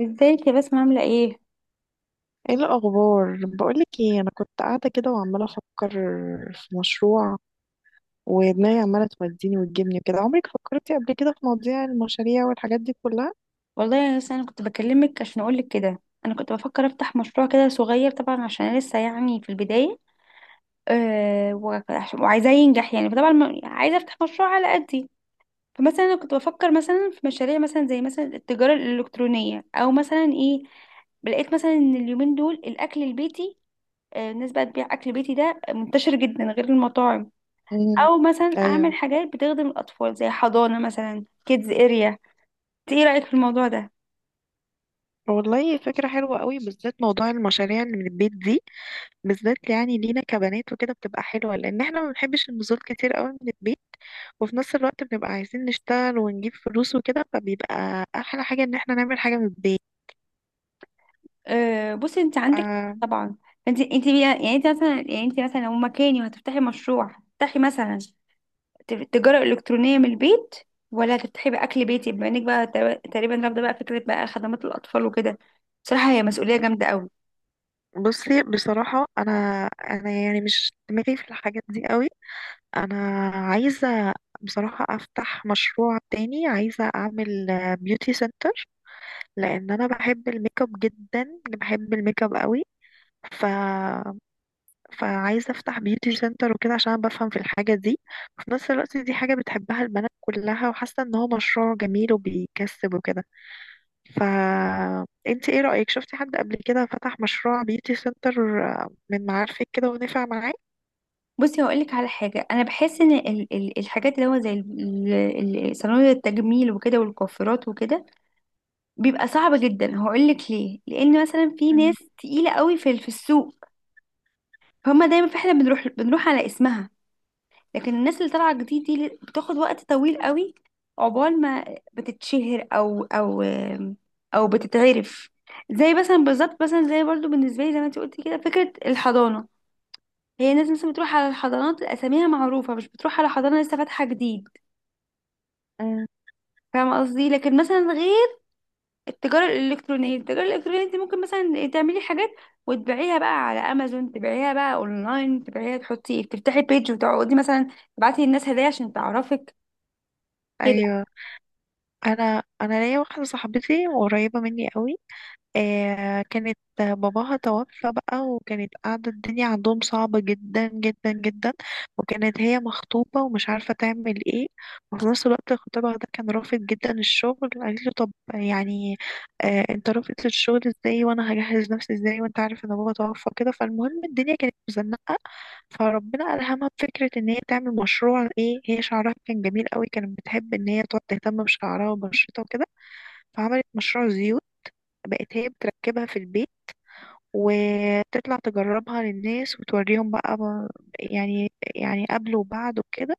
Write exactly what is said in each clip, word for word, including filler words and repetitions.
ازيك يا بسمة؟ عاملة ايه؟ ايه الاخبار؟ بقولك ايه، انا كنت قاعده كده وعماله افكر في مشروع، ودماغي عماله توديني وتجيبني كده. عمرك فكرتي قبل كده في مواضيع المشاريع والحاجات دي كلها؟ والله يا ناس، انا كنت بكلمك عشان اقولك كده، انا كنت بفكر افتح مشروع كده صغير طبعا، عشان انا لسه يعني في البداية. أه وعش- وعايزاه ينجح يعني، فطبعا ما- عايزة افتح مشروع على قدي. فمثلا انا كنت بفكر مثلا في مشاريع، مثلا زي مثلا التجارة الالكترونية، او مثلا ايه، لقيت مثلا ان اليومين دول الاكل البيتي، آه، الناس بقى تبيع اكل بيتي ده، منتشر جدا غير المطاعم. امم او مثلا ايوه، اعمل حاجات بتخدم الاطفال، زي حضانة مثلا، كيدز اريا. ايه رأيك في الموضوع ده؟ والله فكره حلوه قوي، بالذات موضوع المشاريع اللي من البيت دي. بالذات يعني لينا كبنات وكده بتبقى حلوه، لان احنا ما بنحبش النزول كتير قوي من البيت، وفي نفس الوقت بنبقى عايزين نشتغل ونجيب فلوس وكده، فبيبقى احلى حاجه ان احنا نعمل حاجه من البيت. آه، بصي، انت عندك حق طبعا. انت انت بي- يعني انت مثلا، يعني انت مثلا لو مكاني وهتفتحي مشروع، هتفتحي مثلا ت- تجارة إلكترونية من البيت، ولا هتفتحي بأكل بيتي؟ بما انك بقى تق- تقريبا رافضة بقى فكرة بقى خدمات الأطفال وكده، بصراحة هي مسؤولية جامدة قوي. بصي بصراحة، أنا أنا يعني مش دماغي في الحاجات دي قوي. أنا عايزة بصراحة أفتح مشروع تاني، عايزة أعمل بيوتي سنتر، لأن أنا بحب الميك اب جدا، بحب الميك اب قوي. ف... فعايزة أفتح بيوتي سنتر وكده، عشان أنا بفهم في الحاجة دي، وفي نفس الوقت دي حاجة بتحبها البنات كلها، وحاسة إن هو مشروع جميل وبيكسب وكده. فانت ايه رأيك؟ شفتي حد قبل كده فتح مشروع بيوتي سنتر، آه، من معارفك كده ونفع معاه؟ بصي هقول لك على حاجة، أنا بحس إن ال- ال- الحاجات اللي هو زي ال- ال- صناديق التجميل وكده، والكوافيرات وكده، بيبقى صعب جدا. هقول لك ليه، لأن مثلا في ناس أم- تقيلة قوي في في السوق، فهم دايما، فاحنا بنروح بنروح على اسمها. لكن الناس اللي طالعه جديد دي بتاخد وقت طويل قوي عقبال ما بتتشهر، او او او بتتعرف. زي مثلا بالظبط، مثلا زي برضو بالنسبه لي، زي ما انت قلتي كده، فكره الحضانه، هي الناس مثلا بتروح على الحضانات اساميها معروفه، مش بتروح على حضانه لسه فاتحه جديد. أم. فاهمه قصدي؟ لكن مثلا غير التجاره الالكترونيه، التجاره الالكترونيه انت ممكن مثلا تعملي حاجات وتبيعيها بقى على امازون، تبيعيها بقى اونلاين، تبيعيها، تحطي، تفتحي بيج، وتقعدي مثلا تبعتي للناس هدايا عشان تعرفك كده. ايوه، انا انا ليا واحده صاحبتي وقريبه مني قوي، آه، كانت باباها توفى بقى، وكانت قاعدة الدنيا عندهم صعبة جدا جدا جدا، وكانت هي مخطوبة ومش عارفة تعمل ايه، وفي نفس الوقت خطيبها ده كان رافض جدا الشغل. قالت له طب يعني آه انت رافض الشغل ازاي، وانا هجهز نفسي ازاي، وانت عارف ان بابا توفى كده. فالمهم الدنيا كانت مزنقة، فربنا ألهمها بفكرة ان هي تعمل مشروع. ايه هي؟ شعرها كان جميل قوي، كانت بتحب ان هي تقعد تهتم بشعرها وبشرتها وكده، فعملت مشروع زيوت. بقت هي بتركبها في البيت، وتطلع تجربها للناس وتوريهم بقى، ب- يعني يعني قبل وبعد وكده.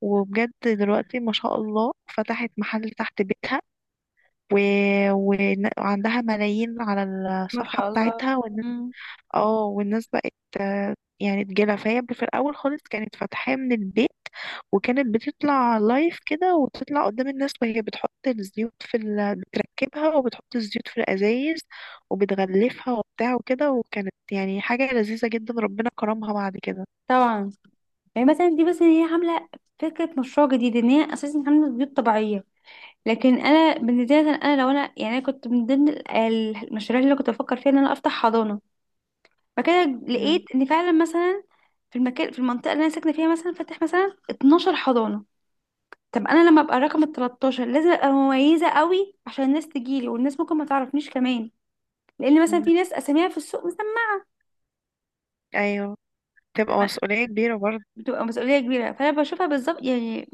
وبجد دلوقتي ما شاء الله فتحت محل تحت بيتها، و... ون- وعندها ملايين على ما الصفحة شاء الله. بتاعتها. مم. اه والناس بقت آه، يعني تجيلها. فهي في الاول خالص كانت فاتحاه من البيت، وكانت بتطلع لايف كده، وتطلع قدام الناس وهي بتحط الزيوت في ال... بتركبها وبتحط الزيوت في الازايز، وبتغلفها وبتاع وكده، وكانت يعني حاجه لذيذه جدا. ربنا كرمها بعد كده. طبعا. يعني مثلا دي بس ان هي عامله فكره مشروع جديد، ان هي اساسا عامله بيوت طبيعيه. لكن انا بالنسبه لي مثلاً، انا لو انا، يعني انا كنت من ضمن ال- المشاريع اللي أنا كنت بفكر فيها ان انا افتح حضانه، فكده لقيت مم. ان فعلا مثلا في المكان، في المنطقه اللي انا ساكنه فيها مثلا فاتح مثلا اتناشر حضانه. طب انا لما ابقى رقم ال تلتاشر، لازم ابقى مميزه قوي عشان الناس تجيلي، والناس ممكن ما تعرفنيش كمان، لان مثلا مم. في ناس اساميها في السوق مثلا. ايوه تبقى مسؤوليه كبيره برضه. بتبقى مسؤولية كبيرة، فأنا بشوفها بالظبط يعني،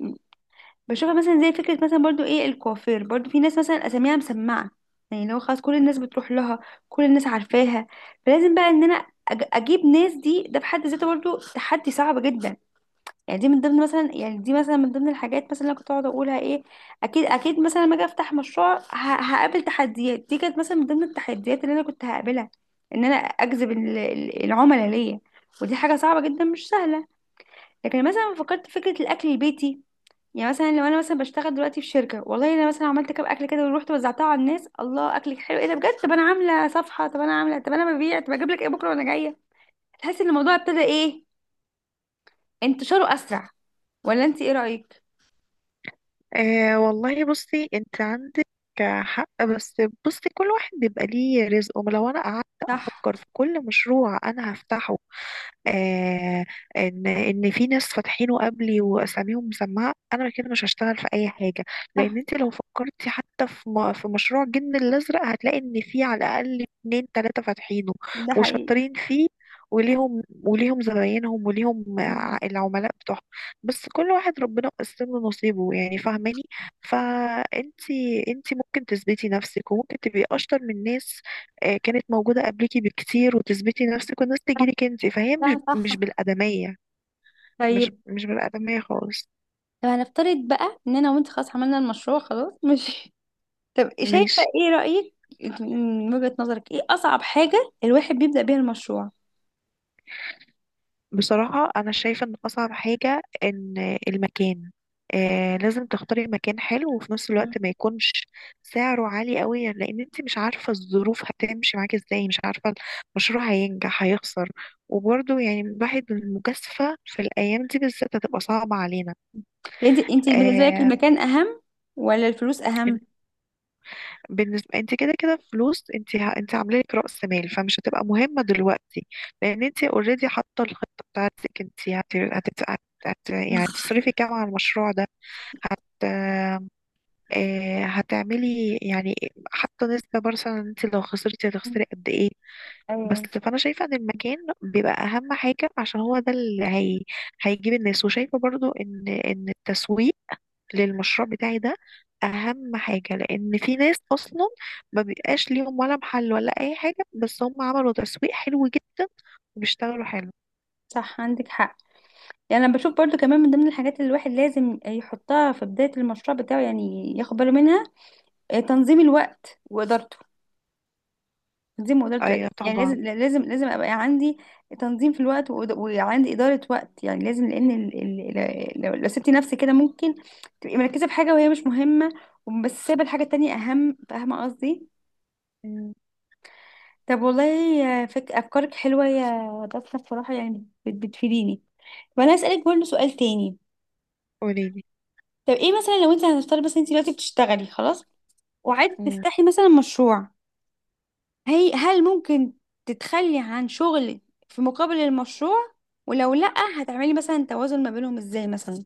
بشوفها مثلا زي فكرة مثلا، برضو ايه، الكوافير برضو في ناس مثلا اساميها مسمعة، يعني لو خلاص كل الناس بتروح لها، كل الناس عارفاها، فلازم بقى ان انا أج- اجيب ناس دي، ده في حد ذاته برضو تحدي صعب جدا. يعني دي من ضمن مثلا، يعني دي مثلا من ضمن الحاجات مثلا اللي أنا كنت اقعد اقولها ايه، اكيد اكيد مثلا لما اجي افتح مشروع، ه- هقابل تحديات. دي كانت مثلا من ضمن التحديات اللي انا كنت هقابلها، ان انا اجذب ال- ال- العملاء ليا، ودي حاجة صعبة جدا مش سهلة. لكن مثلا فكرت في فكرة الاكل البيتي، يعني مثلا لو انا مثلا بشتغل دلوقتي في شركه، والله انا مثلا عملت كام اكل كده ورحت وزعتها على الناس، الله اكلك حلو، ايه ده بجد، طب انا عامله صفحه، طب انا عامله، طب انا ببيع، طب اجيب لك ايه بكره وانا جايه. تحس ان الموضوع ابتدى ايه، انتشاره اسرع، ولا انت ايه رايك؟ آه والله بصي، انت عندك حق، بس بصي كل واحد بيبقى ليه رزقه. لو انا قعدت صح. افكر في كل مشروع انا هفتحه، آه، ان ان في ناس فاتحينه قبلي واساميهم مسمعه، انا كده مش هشتغل في اي حاجه. لان صح، انت لو فكرتي حتى في م- في مشروع الجن الازرق، هتلاقي ان في على الاقل اتنين تلاته فاتحينه ده حقيقي. وشاطرين فيه، وليهم وليهم زباينهم، وليهم مم. ع- العملاء بتوعهم. بس كل واحد ربنا قسم له نصيبه يعني، فاهماني؟ فانت انت ممكن تثبتي نفسك، وممكن تبقي اشطر من ناس آه، كانت موجودة قبلكي بكتير، وتثبتي نفسك والناس صح. تجيلك انت، فهي مش لا، مش صح. بالأدمية. طيب، مش مش بالأدمية خالص. طب هنفترض بقى ان انا وانت خلاص عملنا المشروع خلاص، ماشي. طب شايفه، ماشي. ايه رايك، انت من وجهه نظرك ايه اصعب حاجه الواحد بيبدا بيها المشروع؟ بصراحة أنا شايفة إن أصعب حاجة إن المكان، آه، لازم تختاري مكان حلو، وفي نفس مم. الوقت ما يكونش سعره عالي قوي، لأن انت مش عارفة الظروف هتمشي معاكي ازاي، مش عارفة المشروع هينجح هيخسر، وبرضه يعني الواحد المجازفة في الأيام دي بالذات هتبقى صعبة علينا. انت انت بالنسبه لك آه. المكان اهم، ولا الفلوس اهم؟ بالنسبة، انت كده كده فلوس، انت ه... انت عامله لك رأس مال، فمش هتبقى مهمة دلوقتي. لان انت اوريدي حاطة الخطة بتاعتك، انت هت... هتت... هت... هت... يعني تصرفي كام على المشروع ده. هت... آه، هتعملي يعني حاطة نسبة مثلا، انت لو خسرتي هتخسري قد ايه. بس ايوه، فانا شايفه ان المكان بيبقى اهم حاجه، عشان هو ده اللي هي... هيجيب الناس. وشايفه برضو ان ان التسويق للمشروع بتاعي ده اهم حاجه، لان في ناس اصلا ما بيبقاش ليهم ولا محل ولا اي حاجه، بس هم عملوا تسويق حلو جدا، وبيشتغلوا حلو. صح، عندك حق. يعني انا بشوف برضو كمان من ضمن الحاجات اللي الواحد لازم يحطها في بداية المشروع بتاعه، يعني ياخد باله منها، آه، تنظيم الوقت وادارته، تنظيم وادارته، ايوه يعني طبعا. لازم، يعني لازم لازم ابقى عندي تنظيم في الوقت، وإد- وعندي ادارة وقت، يعني لازم، لان ال... ال... ال- لو لو سبتي نفسك كده، ممكن تبقي مركزة في حاجة وهي مش مهمة، بس سايبة الحاجة التانية اهم، فاهمة قصدي؟ مم. طب والله، آه، فك... افكارك حلوة يا دكتور بصراحة، يعني بت- بتفيديني. وانا اسألك برضو سؤال تاني، قوليلي. طب ايه مثلا لو انت، هنفترض بس انت دلوقتي بتشتغلي خلاص وعايزه مم. تفتحي مثلا مشروع، هي هل ممكن تتخلي عن شغلك في مقابل المشروع؟ ولو لأ، هتعملي مثلا توازن ما بينهم ازاي مثلا؟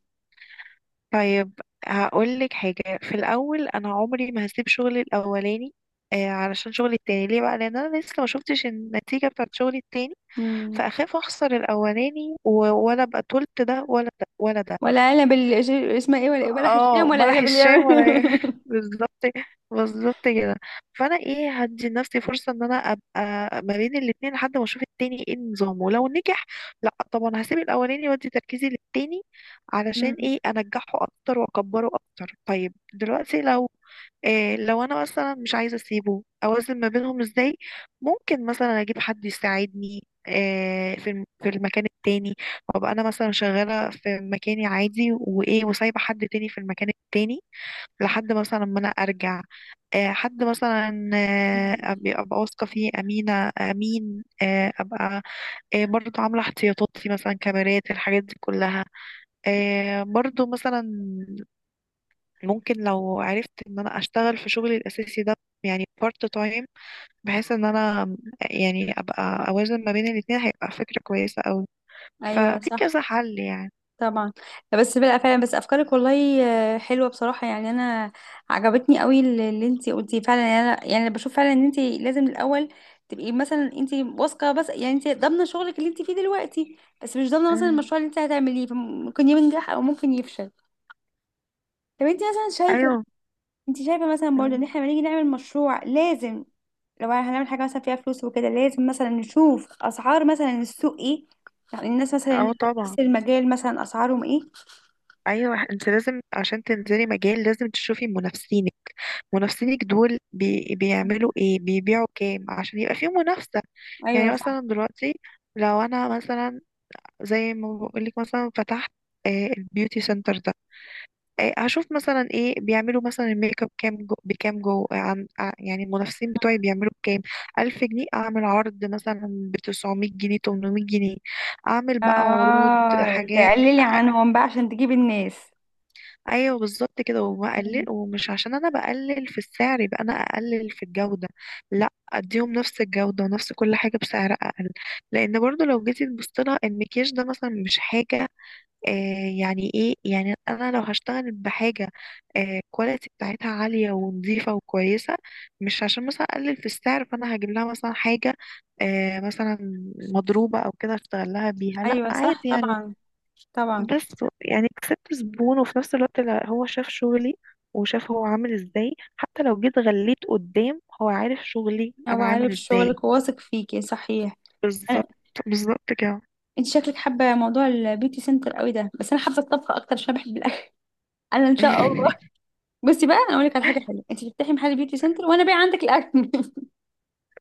طيب. هقول لك حاجه في الاول، انا عمري ما هسيب شغلي الاولاني آه، علشان شغلي التاني ليه بقى؟ لان انا لسه ما شفتش النتيجه بتاعت شغلي التاني، مم. فاخاف اخسر الاولاني و- ولا ابقى طولت ده ولا ده ولا ده. ولا علب اللي اسمها ايه، ولا ولا هشام، اه ولا بلح علب اللي الشام يعمل. ولا بالظبط. بالظبط كده. فانا ايه، هدي لنفسي فرصه ان انا ابقى ما بين الاتنين لحد ما اشوف التاني ايه نظامه. لو نجح، لا طبعا هسيب الاولاني وادي تركيزي للتاني، علشان مم. ايه، انجحه اكتر واكبره اكتر. طيب دلوقتي لو إيه، لو انا مثلا مش عايزه اسيبه، اوازن ما بينهم ازاي؟ ممكن مثلا اجيب حد يساعدني إيه في الم- في المكان التاني، وابقى انا مثلا شغاله في مكاني عادي وايه، وسايبه حد تاني في المكان التاني لحد مثلا ما انا ارجع. إيه حد مثلا آه، مم. أبقى أبقى واثقه فيه، امينه امين آه، ابقى إيه برضو عامله احتياطاتي مثلا كاميرات، الحاجات دي كلها. إيه برضو مثلا ممكن لو عرفت ان انا اشتغل في شغلي الاساسي ده يعني بارت تايم، بحيث ان انا يعني ابقى اوازن ما بين الاتنين، هيبقى فكرة كويسة قوي. ايوه، ففي صح كذا حل يعني. طبعا. بس بلا فعلا بس، افكارك والله، آه، حلوه بصراحه، يعني انا عجبتني قوي اللي اللي انتي قلتيه فعلا. يعني انا، يعني أنا بشوف فعلا ان انتي لازم الاول تبقي مثلا انتي واثقه، بس يعني انتي ضامنه شغلك اللي انتي فيه دلوقتي، بس مش ضامنه مثلا مم. المشروع اللي انتي هتعمليه، فممكن ينجح او ممكن يفشل. طب انتي مثلا شايفه، ايوه. انتي شايفه مثلا برضه مم. ان احنا لما نيجي نعمل مشروع لازم، لو هنعمل حاجه مثلا فيها فلوس وكده، لازم مثلا نشوف اسعار مثلا السوق ايه، يعني الناس مثلا اللي اه في طبعا. نفس المجال مثلا اسعارهم ايه. ايوه انت لازم عشان تنزلي مجال لازم تشوفي منافسينك، منافسينك دول بي بيعملوا ايه، بيبيعوا كام، عشان يبقى في منافسة. ايوه. يعني مثلا دلوقتي لو انا مثلا زي ما بقولك مثلا فتحت آه، البيوتي سنتر ده، آه، هشوف مثلا ايه بيعملوا مثلا الميك اب كام جو، بكام جو، عن ع- يعني المنافسين بتوعي بيعملوا بكام. ألف جنيه، أعمل عرض مثلا بتسعمية جنيه، تمنمية جنيه، أعمل بقى عروض اه، حاجات. تقللي عنهم بقى عشان تجيبي الناس. أيوه بالظبط كده. وبقلل، مم. ومش عشان أنا بقلل في السعر يبقى أنا أقلل في الجودة. لا، أديهم نفس الجودة ونفس كل حاجة بسعر أقل. لأن برضو لو جيتي تبصيلها المكياج ده مثلا مش حاجة، آه، يعني ايه، يعني انا لو هشتغل بحاجه الكواليتي بتاعتها عاليه ونظيفه وكويسه، مش عشان مثلا اقلل في السعر، فانا هجيب لها مثلا حاجه آه مثلا مضروبه او كده اشتغل لها بيها. لا ايوه، صح عادي يعني. طبعا. طبعا. بس يعني كسبت زبون، وفي نفس الوقت لا، هو شاف شغلي، وشاف هو عامل ازاي، حتى لو جيت غليت قدام، هو عارف شغلي هو انا عامل عارف ازاي. شغلك وواثق فيكي، صحيح. أنا... بالظبط. بالظبط كده. انت شكلك حابه موضوع البيوتي سنتر قوي ده، بس انا حابه الطبخ اكتر عشان بحب الاكل. انا ان شاء الله، بصي بقى انا اقول لك على حاجه حلوه، انت تفتحي محل بيوتي سنتر وانا بايع عندك الاكل.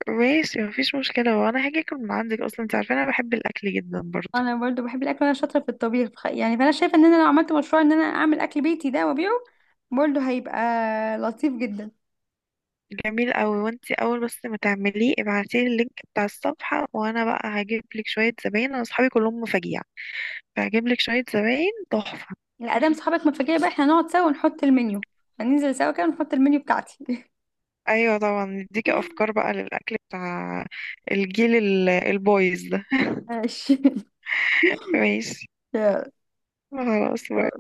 ماشي مفيش مشكلة، وانا هاجي اكل من عندك اصلا، انت عارفة انا بحب الاكل جدا برضو. انا برضو بحب الاكل وانا شاطره في الطبيخ، ف- يعني فانا شايفه ان انا لو عملت مشروع ان انا اعمل اكل بيتي ده وابيعه، برضو هيبقى لطيف جدا. جميل قوي. وانت اول بس ما تعمليه ابعتيلي اللينك بتاع الصفحة، وانا بقى هجيب لك شوية زباين، انا اصحابي كلهم مفاجيع، فهجيب لك شوية زباين تحفة. لا، ادام صحابك متفاجئة بقى، احنا نقعد سوا ونحط المنيو، هننزل سوا كده ونحط المنيو بتاعتي. ايوه طبعا، نديكي افكار بقى للاكل بتاع الجيل ال- البويز ده. ماشي. ماشي. خلاص باي.